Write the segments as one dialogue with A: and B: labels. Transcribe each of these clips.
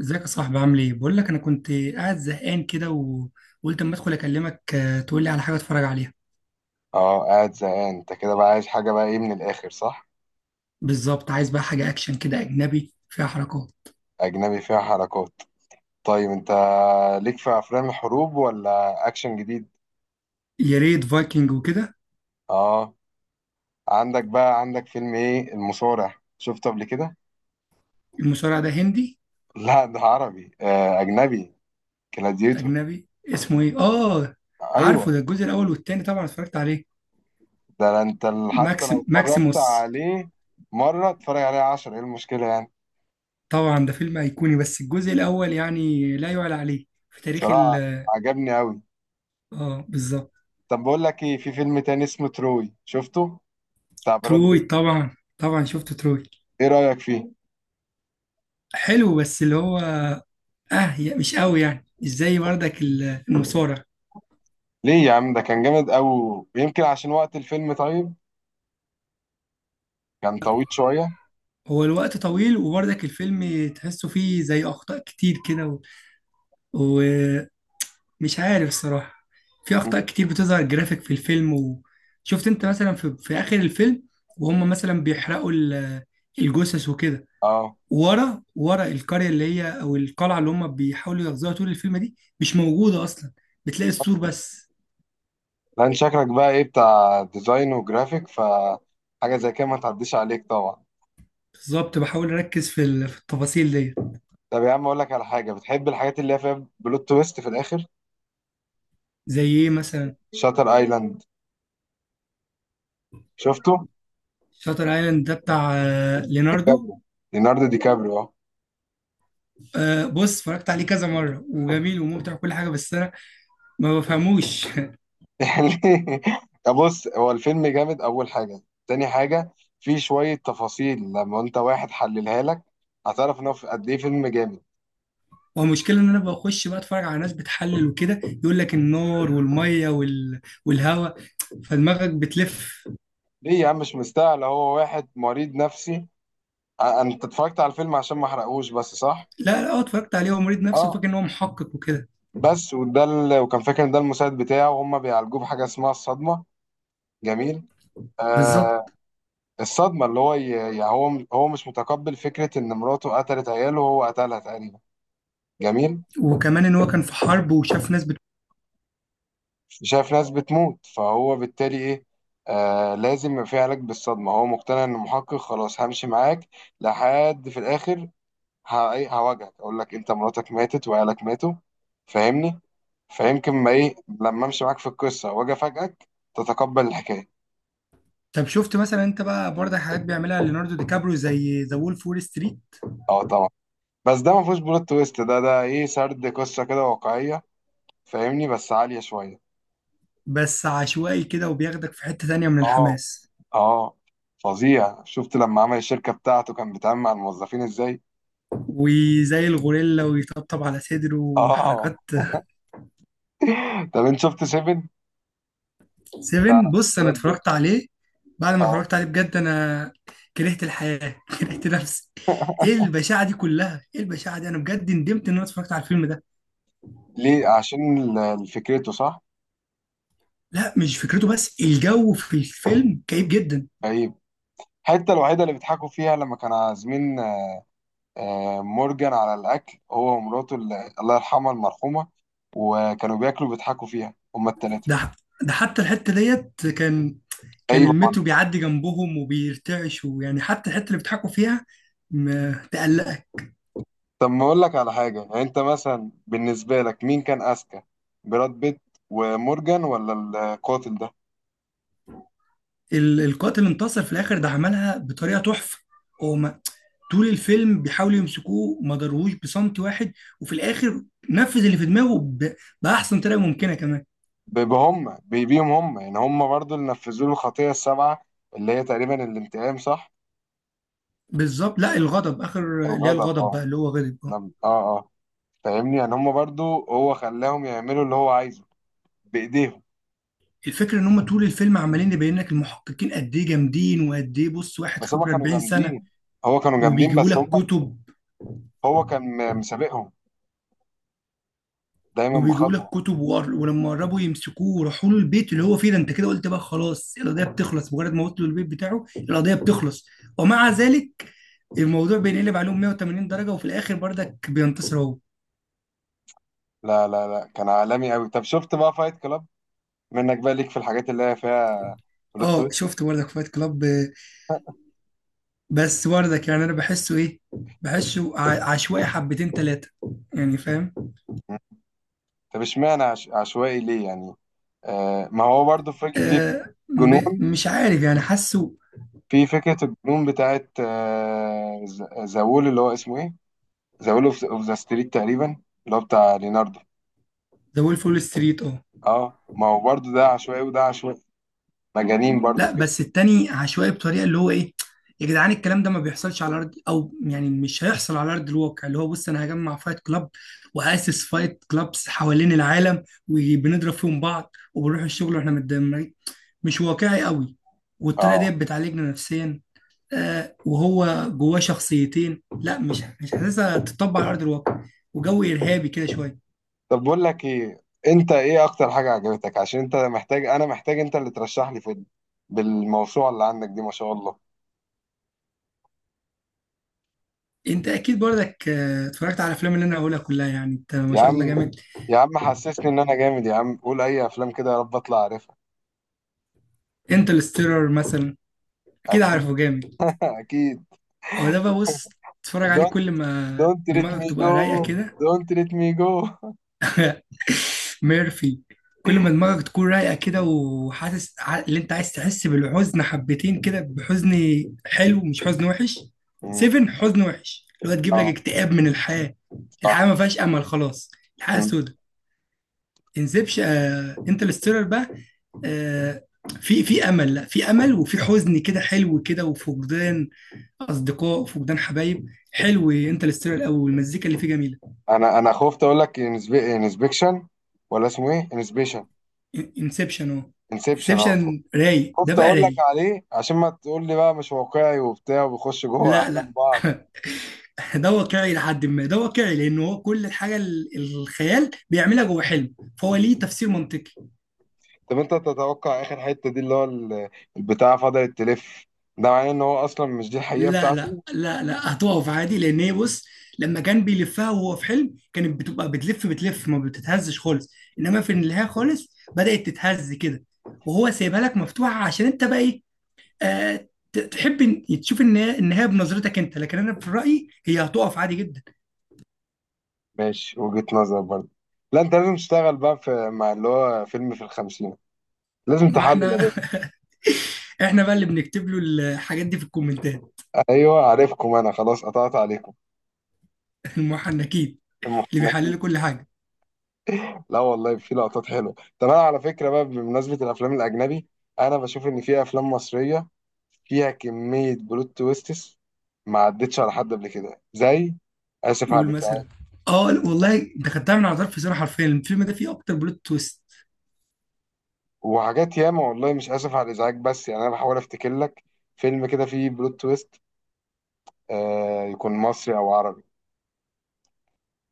A: ازيك يا صاحبي عامل ايه؟ بقول لك انا كنت قاعد زهقان كده وقلت اما ادخل اكلمك تقول لي على حاجه اتفرج عليها.
B: اه قاعد زهقان انت كده بقى عايز حاجة بقى ايه من الآخر صح؟
A: بالظبط عايز بقى حاجه اكشن كده اجنبي فيها حركات.
B: أجنبي فيها حركات طيب انت ليك في أفلام الحروب ولا أكشن جديد؟
A: يا ريت فايكنج وكده.
B: اه، عندك فيلم ايه، المصارع شفته قبل كده؟
A: المصارع ده هندي.
B: لا، ده عربي، أجنبي. كلاديتور.
A: اجنبي. اسمه ايه؟ اه. عارفه
B: أيوه.
A: ده الجزء الاول والتاني طبعا اتفرجت عليه.
B: ده انت حتى لو
A: ماكسيم
B: اتفرجت
A: ماكسيموس.
B: عليه مرة اتفرج عليه 10، ايه المشكلة يعني؟
A: طبعا ده فيلم ايقوني بس الجزء الاول يعني لا يعلى عليه في تاريخ ال.
B: بصراحة عجبني أوي.
A: اه، بالظبط.
B: طب بقول لك ايه، في فيلم تاني اسمه تروي شفته؟ بتاع براد
A: تروي
B: بيت.
A: طبعا طبعا شفت تروي.
B: ايه رأيك فيه؟
A: حلو بس اللي هو اه يا مش قوي يعني مش زي بردك المصارع.
B: ليه يا عم، ده كان جامد قوي، يمكن عشان وقت الفيلم طيب كان طويل شوية.
A: هو الوقت طويل وبردك الفيلم تحسه فيه زي اخطاء كتير كده ومش عارف الصراحه، في
B: م.
A: اخطاء كتير بتظهر جرافيك في الفيلم. وشفت انت مثلا في اخر الفيلم وهم مثلا بيحرقوا الجثث وكده
B: اه.
A: ورا ورا القريه اللي هي او القلعه اللي هم بيحاولوا يغزوها طول الفيلم دي مش موجوده اصلا. بتلاقي السور
B: أصلاً.
A: بس.
B: لان شكلك بقى ايه، بتاع ديزاين وجرافيك، فحاجة زي كده ما تعديش عليك طبعا.
A: بالظبط بحاول اركز في التفاصيل دي.
B: طب يا عم اقول لك على حاجة، بتحب الحاجات اللي هي فيها بلوت تويست في الاخر؟
A: زي ايه مثلا.
B: شاتر ايلاند، شفته؟
A: شاتر ايلاند ده بتاع ليناردو.
B: ديكابريو. ليوناردو دي كابريو اه.
A: آه، بص اتفرجت عليه كذا مره وجميل وممتع وكل حاجه بس انا ما بفهموش.
B: يعني، بص هو الفيلم جامد، اول حاجة تاني حاجة فيه شوية تفاصيل، لما انت واحد حللها لك هتعرف ان هو قد ايه فيلم جامد.
A: هو المشكله ان انا بخش بقى اتفرج على ناس بتحلل وكده يقول لك النار والميه والهواء فدماغك بتلف.
B: ليه يا عم مش مستاهل، هو واحد مريض نفسي. انت اتفرجت على الفيلم عشان ما احرقهوش بس صح؟
A: لا لا، هو اتفرجت عليه هو مريض نفسي
B: اه،
A: وفاكر ان هو محقق وكده.
B: بس وده وكان فاكر ان ده المساعد بتاعه وهم بيعالجوه بحاجه اسمها الصدمه. جميل.
A: بالظبط.
B: آه، الصدمه اللي هو يعني، هو مش متقبل فكره ان مراته قتلت عياله وهو قتلها تقريبا. جميل.
A: وكمان ان هو كان في حرب وشاف ناس
B: شايف ناس بتموت فهو بالتالي ايه، آه لازم يبقى في علاج بالصدمه، هو مقتنع انه محقق خلاص همشي معاك لحد في الاخر. ه- إيه، هواجهك اقول لك انت مراتك ماتت وعيالك ماتوا، فاهمني، فيمكن ما ايه لما امشي معاك في القصه واجي افاجئك تتقبل الحكايه.
A: طب شفت مثلا انت بقى برضه حاجات بيعملها ليوناردو دي كابريو زي ذا وولف وول ستريت.
B: اه طبعا. بس ده ما فيهوش بلوت تويست، ده ايه، سرد قصه كده واقعيه، فاهمني، بس عاليه شويه.
A: بس عشوائي كده وبياخدك في حته تانيه من
B: اه.
A: الحماس.
B: اه، فظيع. شفت لما عمل الشركه بتاعته كان بيتعامل مع الموظفين ازاي.
A: وزي الغوريلا ويطبطب على صدره
B: اه.
A: وحركات.
B: طب انت شفت سيفن؟ بتاع
A: سيفن بص انا
B: براد بيت.
A: اتفرجت عليه. بعد ما
B: اه.
A: اتفرجت عليه بجد انا كرهت الحياة. كرهت نفسي. ايه البشاعة دي كلها ايه البشاعة دي، انا بجد ندمت ان انا اتفرجت على الفيلم ده.
B: ليه؟ عشان فكرته صح.
A: لا مش فكرته بس الجو في الفيلم كئيب جدا.
B: غريب. الحته الوحيده اللي بيضحكوا فيها لما كان عازمين مورجان على الأكل، هو ومراته اللي الله يرحمها المرحومة، وكانوا بياكلوا بيضحكوا فيها هما التلاتة
A: ده ده حتى الحتة ديت كان
B: أي بعض.
A: المترو بيعدي جنبهم وبيرتعش ويعني حتى الحتة اللي بيضحكوا فيها ما تقلقك.
B: طب ما أقول لك على حاجة، يعني أنت مثلا بالنسبة لك مين كان أذكى، براد بيت ومورجان ولا القاتل ده؟
A: القاتل انتصر في الاخر ده عملها بطريقة تحفة. هو طول الفيلم بيحاولوا يمسكوه ما ضروهوش بصمت واحد وفي الاخر نفذ اللي في دماغه باحسن طريقه ممكنه كمان.
B: بيبقى هما بيبيهم هما، يعني هما برضو اللي نفذوا له الخطية السبعة، اللي هي تقريبا الانتقام صح.
A: بالظبط، لا الغضب اخر اللي هي
B: الغضب
A: الغضب
B: اه.
A: بقى اللي هو غضب اه.
B: نعم. اه، اه. فاهمني، يعني هما برضو هو خلاهم يعملوا اللي هو عايزه بإيديهم.
A: الفكره ان هم طول الفيلم عمالين يبين لك المحققين قد ايه جامدين وقد ايه، بص واحد
B: بس هما
A: خبره
B: كانوا
A: 40 سنه
B: جامدين، هو كانوا جامدين
A: وبيجيبوا
B: بس
A: لك
B: هم،
A: كتب
B: هو كان مسابقهم دايما
A: وبيجيبوا لك
B: بخطوه.
A: كتب ولما قربوا يمسكوه وراحوا له البيت اللي هو فيه، ده انت كده قلت بقى خلاص القضيه بتخلص، مجرد ما وصلوا البيت بتاعه القضيه بتخلص. ومع ذلك الموضوع بينقلب عليهم 180 درجه وفي الاخر بردك بينتصر هو.
B: لا، لا، لا، كان عالمي قوي. طب شفت بقى فايت كلاب؟ منك بقى ليك في الحاجات اللي هي فيها بلوت
A: اه
B: تويست.
A: شفت بردك فايت كلاب. بس بردك يعني انا بحسه ايه، بحسه عشوائي حبتين ثلاثه يعني فاهم.
B: م. طب اشمعنى عشوائي ليه يعني؟ آه، ما هو برضو فك في جنون،
A: مش عارف يعني حاسه.
B: في فكره الجنون بتاعت زاول، اللي هو اسمه ايه، زاول اوف ذا ستريت تقريبا، اللي هو بتاع ليناردو.
A: ذا وولف فول ستريت اه.
B: اه، ما هو برضو ده عشوائي وده عشوائي، مجانين برضو
A: لا
B: كده.
A: بس التاني عشوائي بطريقه اللي هو ايه، يا جدعان الكلام ده ما بيحصلش على ارض او يعني مش هيحصل على ارض الواقع اللي هو بص انا هجمع فايت كلاب واسس فايت كلابس حوالين العالم وبنضرب فيهم بعض وبنروح الشغل واحنا متدمرين، مش واقعي قوي. والطريقه
B: اه.
A: ديت بتعالجنا نفسيا وهو جواه شخصيتين، لا مش حاسسها تطبق على ارض الواقع وجو ارهابي كده شويه.
B: طب بقول لك ايه، انت ايه اكتر حاجه عجبتك، عشان انت محتاج، انا محتاج انت اللي ترشح لي فيلم بالموسوعه اللي عندك دي ما شاء الله.
A: انت اكيد برضك اتفرجت على الافلام اللي انا هقولها كلها يعني انت ما
B: يا
A: شاء الله
B: عم،
A: جامد.
B: يا عم حسسني ان انا جامد يا عم، قول اي افلام كده يا رب اطلع عارفها.
A: انترستيلر مثلا. اكيد
B: اكيد.
A: عارفه جامد.
B: اكيد.
A: هو ده بقى، بص تتفرج عليه
B: دونت
A: كل ما
B: دونت ليت
A: دماغك
B: مي
A: تبقى
B: جو.
A: رايقه كده.
B: دونت ليت مي جو.
A: ميرفي. كل ما دماغك تكون رايقه كده وحاسس اللي انت عايز تحس بالحزن حبتين كده، بحزن حلو مش حزن وحش. سيفن حزن وحش اللي هو تجيب لك
B: اه،
A: اكتئاب من الحياه.
B: صح.
A: الحياه ما فيهاش امل خلاص. الحياه
B: مم.
A: سودة. انسبش انترستيلر بقى. آه. في امل، لا في امل وفي حزن كده حلو كده وفقدان اصدقاء فقدان حبايب، حلو انترستيلر قوي والمزيكا اللي فيه جميله.
B: انا خفت اقول لك انسبكشن، ولا اسمه ايه، انسبيشن.
A: انسبشن اهو.
B: انسبشن
A: انسبشن رايق ده
B: خفت
A: بقى
B: اقول لك
A: رايق.
B: عليه عشان ما تقول لي بقى مش واقعي وبتاع وبيخش جوه
A: لا
B: احلام
A: لا.
B: بعض.
A: ده واقعي لحد ما، ده واقعي لان هو كل الحاجه الخيال بيعملها جوه حلم فهو ليه تفسير منطقي.
B: طب انت تتوقع اخر حته دي اللي هو البتاعه فضلت تلف، ده معناه ان هو اصلا مش دي الحقيقه
A: لا لا
B: بتاعته؟
A: لا لا، هتقف عادي لان هي بص، لما كان بيلفها وهو في حلم كانت بتبقى بتلف بتلف ما بتتهزش خالص، انما في النهايه خالص بدات تتهز كده وهو سايبها لك مفتوحه عشان انت بقى ايه، تحب تشوف ان هي بنظرتك انت. لكن انا في رايي هي هتقف عادي جدا.
B: ماشي، وجهه نظر برضه. لا، انت لازم تشتغل بقى مع اللي هو فيلم في الخمسين، لازم
A: ما احنا
B: تحلل.
A: احنا بقى اللي بنكتب له الحاجات دي في الكومنتات.
B: ايوه عارفكم، انا خلاص قطعت عليكم.
A: المحنكين اللي
B: المخنك.
A: بيحللوا كل حاجه.
B: لا والله، في لقطات حلوه. طب انا على فكره بقى بمناسبه الافلام الاجنبي، انا بشوف ان في افلام مصريه فيها كميه بلوت تويستس ما عدتش على حد قبل كده، زي اسف على
A: قول مثلا.
B: الإزعاج.
A: اه، لا والله انت خدتها من على طرف لساني حرفيا الفيلم ده فيه اكتر بلوت تويست.
B: وحاجات ياما، والله مش اسف على الازعاج، بس يعني انا بحاول افتكر لك فيلم كده فيه بلوت تويست، يكون مصري او عربي،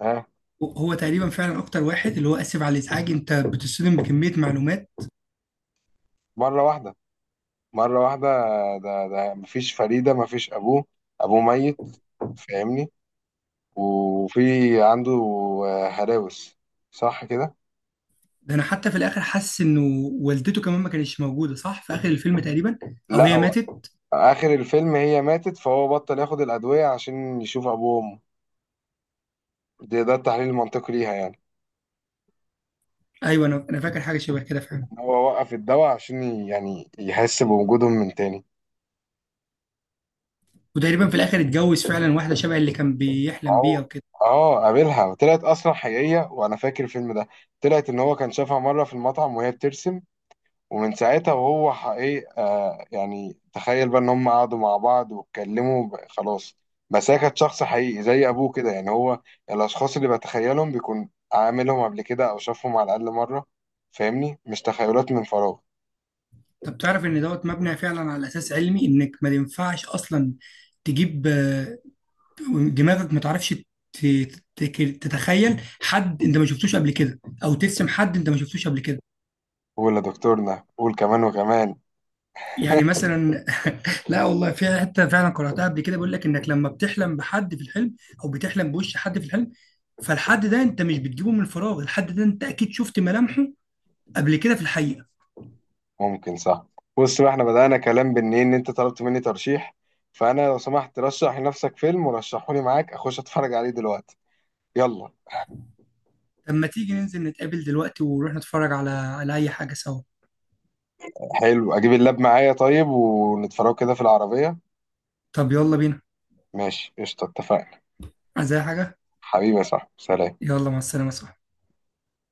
B: ها.
A: هو تقريبا فعلا اكتر واحد، اللي هو اسف على الازعاج، انت بتصدم بكميه معلومات.
B: مره واحده. مره واحده. ده مفيش فريده، مفيش ابوه، ابوه ميت، فاهمني. وفي عنده هلاوس، صح كده.
A: ده انا حتى في الاخر حاسس انه والدته كمان ما كانتش موجوده صح في اخر الفيلم تقريبا، او
B: لا،
A: هي
B: هو
A: ماتت.
B: اخر الفيلم هي ماتت، فهو بطل ياخد الادويه عشان يشوف ابوه وامه، ده التحليل المنطقي ليها يعني،
A: ايوه، انا فاكر حاجه شبه كده فعلا.
B: إن هو وقف الدواء عشان يعني يحس بوجودهم من تاني.
A: وتقريبا في الاخر اتجوز فعلا واحده شبه اللي كان بيحلم بيها
B: أو.
A: وكده.
B: اه، قابلها وطلعت اصلا حقيقيه. وانا فاكر الفيلم ده، طلعت ان هو كان شافها مره في المطعم وهي بترسم، ومن ساعتها وهو حقيقي، يعني تخيل بقى ان هم قعدوا مع بعض واتكلموا خلاص. بس هي كانت شخص حقيقي زي ابوه كده، يعني هو الاشخاص اللي بتخيلهم بيكون عاملهم قبل كده او شافهم على الاقل مره، فاهمني، مش تخيلات من فراغ.
A: طب تعرف ان دوت مبني فعلا على اساس علمي، انك ما ينفعش اصلا تجيب دماغك ما تعرفش ت- ت- تتخيل حد انت ما شفتوش قبل كده، او ترسم حد انت ما شفتوش قبل كده.
B: قول يا دكتورنا، قول كمان وكمان.
A: يعني مثلا. لا والله في حته فعلا قراتها قبل كده بيقول لك انك لما بتحلم بحد في الحلم او بتحلم بوش حد في الحلم فالحد ده انت مش بتجيبه من الفراغ، الحد ده انت اكيد شفت ملامحه قبل كده في الحقيقه.
B: ممكن صح. بص بقى، احنا بدأنا كلام بان ايه، ان انت طلبت مني ترشيح، فانا لو سمحت رشح لنفسك فيلم ورشحولي معاك اخش اتفرج عليه دلوقتي. يلا.
A: طب ما تيجي ننزل نتقابل دلوقتي ونروح نتفرج على أي حاجة سوا.
B: حلو، اجيب اللاب معايا طيب ونتفرجوا كده في العربية.
A: طب يلا بينا.
B: ماشي قشطة، اتفقنا.
A: عايز أي حاجة.
B: حبيبي يا صاحبي، سلام.
A: يلا مع السلامة يا صاحبي.